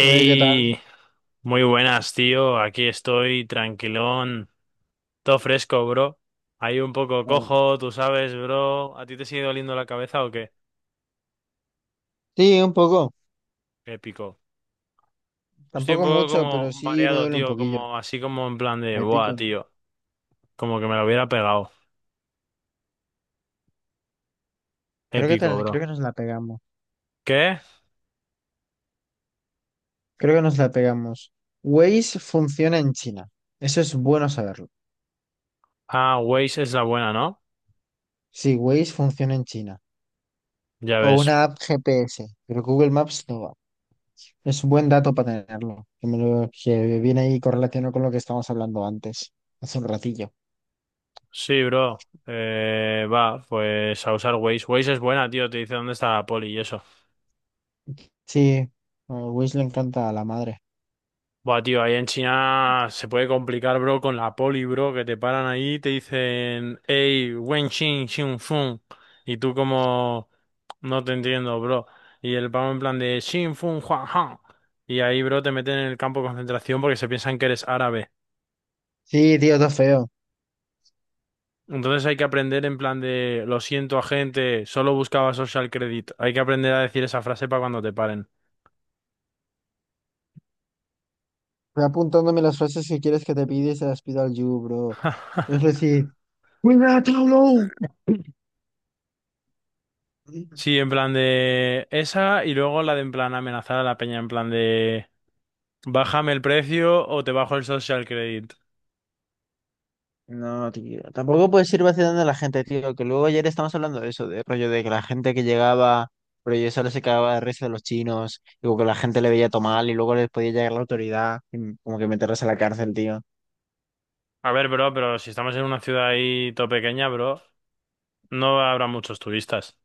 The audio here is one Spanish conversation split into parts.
¿Qué tal? muy buenas, tío. Aquí estoy, tranquilón, todo fresco, bro. Ahí un poco Ah, cojo, tú sabes, bro. ¿A ti te sigue doliendo la cabeza o qué? sí, un poco. Épico. Yo estoy un Tampoco poco mucho, pero como sí me mareado, duele un tío, poquillo. como así como en plan de, El buah, pico, ¿no? tío, como que me lo hubiera pegado. Creo que, Épico, creo bro. que nos la pegamos. ¿Qué? Creo que nos la pegamos. Waze funciona en China. Eso es bueno saberlo. Ah, Waze es la buena, ¿no? Sí, Waze funciona en China. Ya O una ves. app GPS. Pero Google Maps no va. Es un buen dato para tenerlo. Que, que viene ahí correlacionado con lo que estábamos hablando antes. Hace un ratillo. Sí, bro. Va, pues a usar Waze. Waze es buena, tío, te dice dónde está la poli y eso. Sí, a Waze le encanta a la madre. Buah, tío, ahí en China se puede complicar, bro, con la poli, bro, que te paran ahí y te dicen, hey, wen xin xin fun. Y tú como, no te entiendo, bro. Y el pavo en plan de xin fun huan han. Y ahí, bro, te meten en el campo de concentración porque se piensan que eres árabe. Sí, tío, todo feo. Entonces hay que aprender en plan de, lo siento, agente, solo buscaba social credit. Hay que aprender a decir esa frase para cuando te paren. Voy apuntándome las frases que quieres que te pida y se las pido al You, bro. Es decir, ¡cuidado, Tauro! Sí, en plan de esa y luego la de en plan amenazar a la peña, en plan de... Bájame el precio o te bajo el social credit. No, tío. Tampoco puedes ir vacilando a la gente, tío. Que luego ayer estamos hablando de eso, de rollo de que la gente que llegaba, pero yo solo se cagaba de risa de los chinos, y como que la gente le veía tomar y luego les podía llegar la autoridad y como que meterlos a la cárcel, tío. A ver, bro, pero si estamos en una ciudad ahí todo pequeña, bro, no habrá muchos turistas.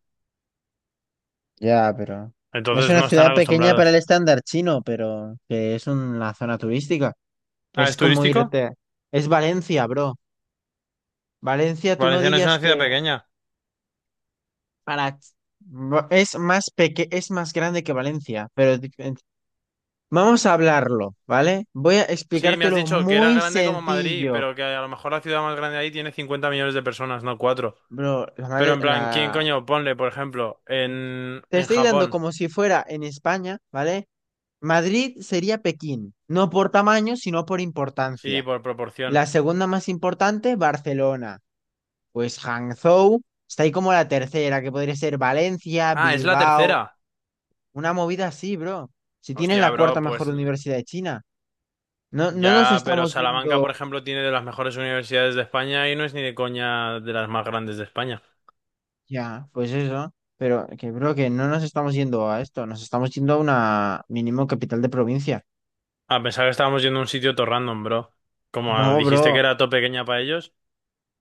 Ya, pero. Es Entonces una no están ciudad pequeña para el acostumbrados. estándar chino, pero que es una zona turística. Ah, ¿es Es como turístico? irte. Es Valencia, bro. Valencia, tú no Valencia no es dirías una ciudad que pequeña. para es más peque es más grande que Valencia, pero vamos a hablarlo, ¿vale? Voy a Sí, me has explicártelo dicho que era muy grande como Madrid, sencillo, pero que a lo mejor la ciudad más grande ahí tiene 50 millones de personas, no 4. bro. Pero en plan, ¿quién coño? Ponle, por ejemplo, en, Te en estoy dando Japón. como si fuera en España, ¿vale? Madrid sería Pekín, no por tamaño, sino por Sí, importancia. por proporción. La segunda más importante, Barcelona. Pues Hangzhou está ahí como la tercera, que podría ser Valencia, Ah, es la Bilbao. tercera. Una movida así, bro. Si tienes Hostia, la cuarta bro, mejor pues universidad de China, no nos ya, pero estamos Salamanca, por yendo. ejemplo, tiene de las mejores universidades de España y no es ni de coña de las más grandes de España. Ya, pues eso. Pero que, bro, que no nos estamos yendo a esto, nos estamos yendo a una mínimo capital de provincia. A pesar que estábamos yendo a un sitio todo random, bro. Como No, dijiste que bro. era todo pequeña para ellos,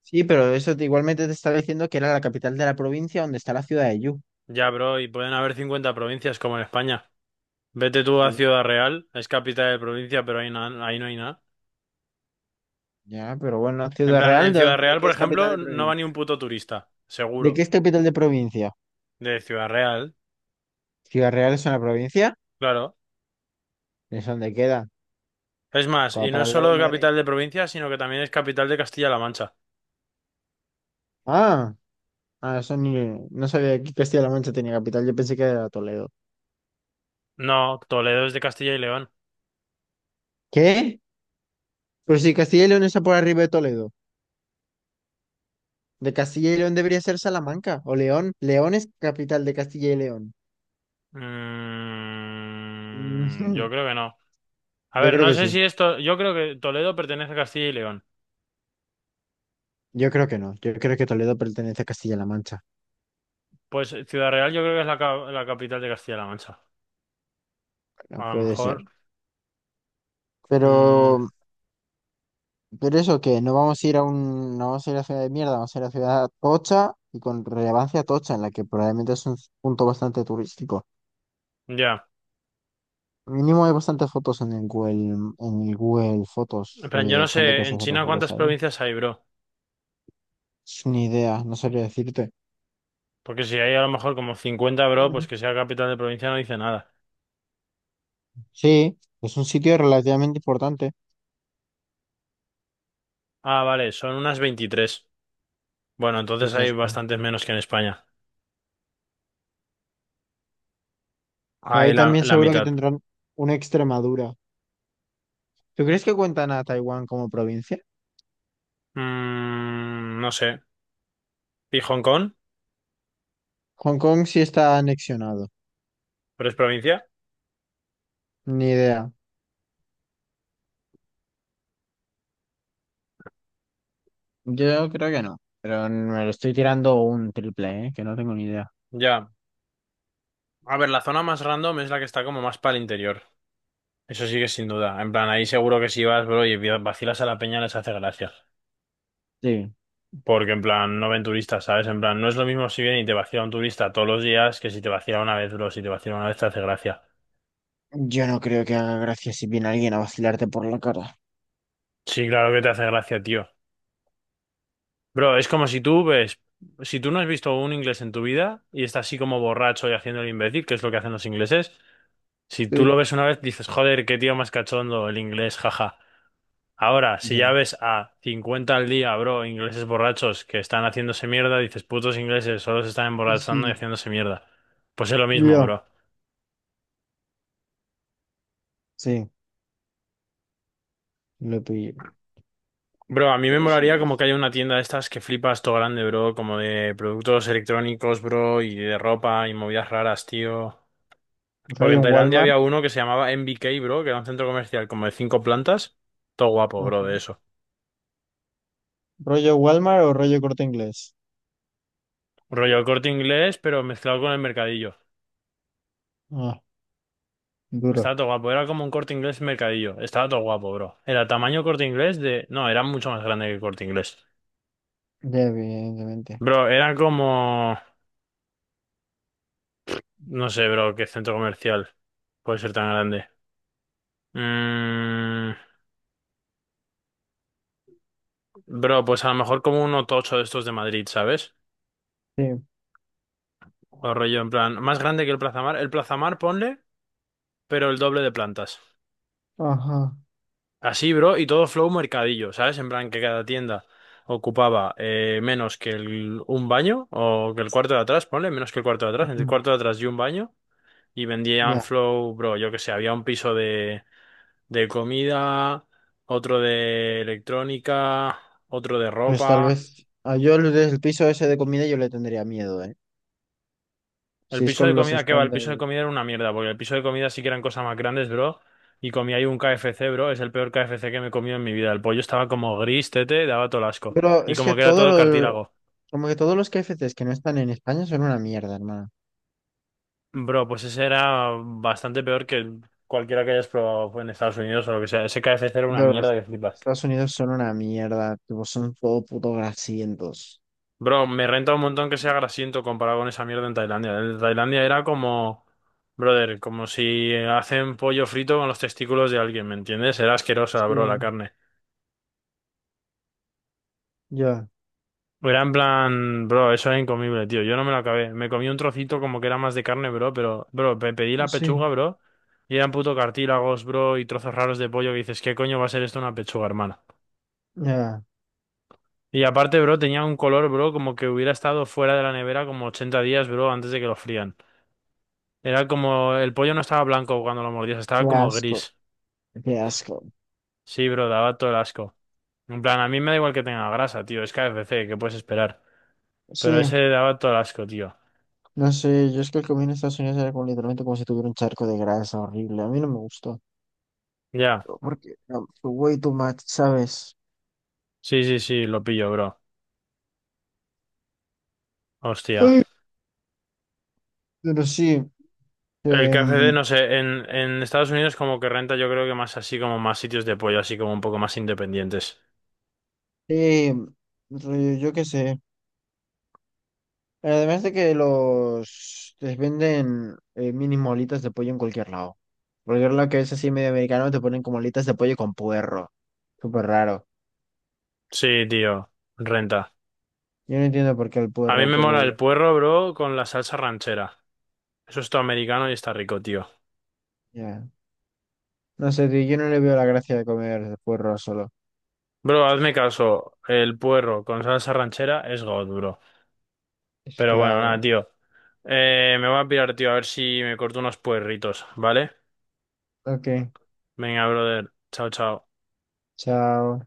Sí, pero igualmente te estaba diciendo que era la capital de la provincia donde está la ciudad de Yu. ya, bro, y pueden haber 50 provincias como en España. Vete tú a Sí, Ciudad Real, es capital de provincia, pero ahí, ahí no hay nada. ya, pero bueno, En Ciudad plan, Real, en Ciudad ¿de Real, qué por es capital ejemplo, de no va ni provincia? un puto turista, ¿De qué seguro, es capital de provincia? de Ciudad Real, ¿Ciudad Real es una provincia? claro. ¿Es donde queda? Es más, Como y no para es el lado de solo Madrid. capital de provincia, sino que también es capital de Castilla-La Mancha. Ah. Ah, eso ni... No sabía que Castilla-La Mancha tenía capital, yo pensé que era Toledo. No, Toledo es de Castilla y León. ¿Qué? Pero si Castilla y León está por arriba de Toledo. De Castilla y León debería ser Salamanca o León. León es capital de Castilla y León. Mm, Ujú. yo creo que no. A Yo ver, creo no que sé sí. si esto. Yo creo que Toledo pertenece a Castilla y León. Yo creo que no. Yo creo que Toledo pertenece a Castilla-La Mancha. Pues Ciudad Real yo creo que es la capital de Castilla-La Mancha. No A lo puede ser. mejor. mm, Pero, pero eso que no vamos a ir a un, no vamos a ir a ciudad de mierda, vamos a ir a ciudad tocha y con relevancia tocha, en la que probablemente es un punto bastante turístico. ya. Mínimo hay bastantes fotos en el Google Fotos, En plan, rollo yo de no gente que sé en se saca China fotos cuántas ahí. provincias hay, bro. Es una idea, no sabría decirte. Porque si hay a lo mejor como 50, bro, Mm. pues que sea capital de provincia no dice nada. Sí, es un sitio relativamente importante. Ah, vale, son unas 23. Bueno, entonces Pues ya hay está. bastantes menos que en España. Hay Ahí la, también la seguro que mitad. tendrán una Extremadura. ¿Tú crees que cuentan a Taiwán como provincia? Mm, no sé. ¿Y Hong Kong? Hong Kong sí está anexionado. ¿Pero es provincia? Ni idea. Yo creo que no, pero me lo estoy tirando un triple, ¿eh? Que no tengo ni idea. Ya. A ver, la zona más random es la que está como más para el interior. Eso sí que sin duda. En plan, ahí seguro que si vas, bro, y vacilas a la peña les hace gracia. Sí, Porque en plan, no ven turistas, ¿sabes? En plan, no es lo mismo si viene y te vacila un turista todos los días que si te vacila una vez, bro. Si te vacila una vez te hace gracia. yo no creo que haga gracia si viene alguien a vacilarte por la cara. Sí, claro que te hace gracia, tío. Bro, es como si tú ves, si tú no has visto un inglés en tu vida y está así como borracho y haciendo el imbécil, que es lo que hacen los ingleses, si tú Sí. lo ves una vez dices, joder, qué tío más cachondo el inglés, jaja. Ahora, si ya Ya. ves a 50 al día, bro, ingleses borrachos que están haciéndose mierda, dices, putos ingleses, solo se están emborrachando y Sí. haciéndose mierda. Pues es lo mismo, Yo, bro. sí, lo pillé. Bro, a mí me Pero eso molaría no como es. que haya una tienda de estas que flipas todo grande, bro, como de productos electrónicos, bro, y de ropa y movidas raras, tío. Porque Rollo en en Tailandia Walmart. había uno que se llamaba MBK, bro, que era un centro comercial como de cinco plantas. Todo guapo, bro, Ajá. de eso. ¿Rollo Walmart o rollo Corte Inglés? Rollo el Corte Inglés, pero mezclado con el mercadillo. Ah, duro. Estaba todo guapo, era como un Corte Inglés mercadillo. Estaba todo guapo, bro. Era tamaño Corte Inglés de... No, era mucho más grande que el Corte Inglés. Ya, evidentemente. Bro, era como... No sé, bro, qué centro comercial puede ser tan grande. Mm, bro, pues a lo mejor como un tocho de estos de Madrid, ¿sabes? Sí. O rollo en plan... Más grande que el Plaza Mar. El Plaza Mar, ponle, pero el doble de plantas. Ajá. Así, bro, y todo flow mercadillo, ¿sabes? En plan que cada tienda ocupaba menos que un baño o que el cuarto de atrás, ponle, menos que el cuarto de atrás, entre el Ujú. cuarto de atrás y un baño, y vendían Ya. flow, bro, yo que sé, había un piso de comida, otro de electrónica, otro de Pues tal ropa. vez. Yo el piso ese de comida yo le tendría miedo, ¿eh? Si El es piso de con los comida, ¿qué va? El piso de estándares. comida era una mierda, porque el piso de comida sí que eran cosas más grandes, bro. Y comí ahí un de- KFC, bro. Es el peor KFC que me he comido en mi vida. El pollo estaba como gris, tete, daba todo el asco. Pero Y es que como que era todos todo los, cartílago. como que todos los K F KFCs que no están en España son una mierda, hermano. Bro, pues ese era bastante peor que cualquiera que hayas probado en Estados Unidos o lo que sea. Ese KFC era una Pero los mierda que flipas. Estados Unidos son una mierda. Tipo, son todo puto grasientos. Bro, me renta un montón que sea grasiento comparado con esa mierda en Tailandia. En Tailandia era como, brother, como si hacen pollo frito con los testículos de alguien, ¿me entiendes? Era asquerosa, bro, la Sí. carne. Ya. Era en plan, bro, eso es incomible, tío. Yo no me lo acabé. Me comí un trocito como que era más de carne, bro, pero, bro, me pedí la Sí, pechuga, bro, y eran puto cartílagos, bro, y trozos raros de pollo que dices, ¿qué coño va a ser esto una pechuga, hermana? ya. Y aparte, bro, tenía un color, bro, como que hubiera estado fuera de la nevera como 80 días, bro, antes de que lo frían. Era como, el pollo no estaba blanco cuando lo mordías, Qué estaba como asco, gris. qué asco. Sí, bro, daba todo el asco. En plan, a mí me da igual que tenga grasa, tío, es KFC, ¿qué puedes esperar? Pero Sí, ese daba todo el asco, tío. no sé, yo es que el comida en Estados Unidos era como literalmente como si tuviera un charco de grasa horrible. A mí no me gustó, Ya, porque way too much, ¿sabes? sí, sí, sí, lo pillo, bro. Hostia. Ay, pero sí, El KFC, em, no sé, en Estados Unidos como que renta yo creo que más así como más sitios de pollo, así como un poco más independientes. eh, rollo, yo qué sé. Además de que los les venden mini molitas de pollo en cualquier lado. Cualquier lado que es así medio americano te ponen como alitas de pollo con puerro. Súper raro. Sí, tío, renta. Yo no entiendo por qué el A mí puerro, me mola pero el puerro, bro, con la salsa ranchera. Eso es todo americano y está rico, tío. ya. No sé, tío, yo no le veo la gracia de comer puerro solo. Bro, hazme caso. El puerro con salsa ranchera es god, bro. Es Pero bueno, nada, clave. tío. Me voy a pirar, tío, a ver si me corto unos puerritos, ¿vale? Ok, Venga, brother. Chao, chao. chao.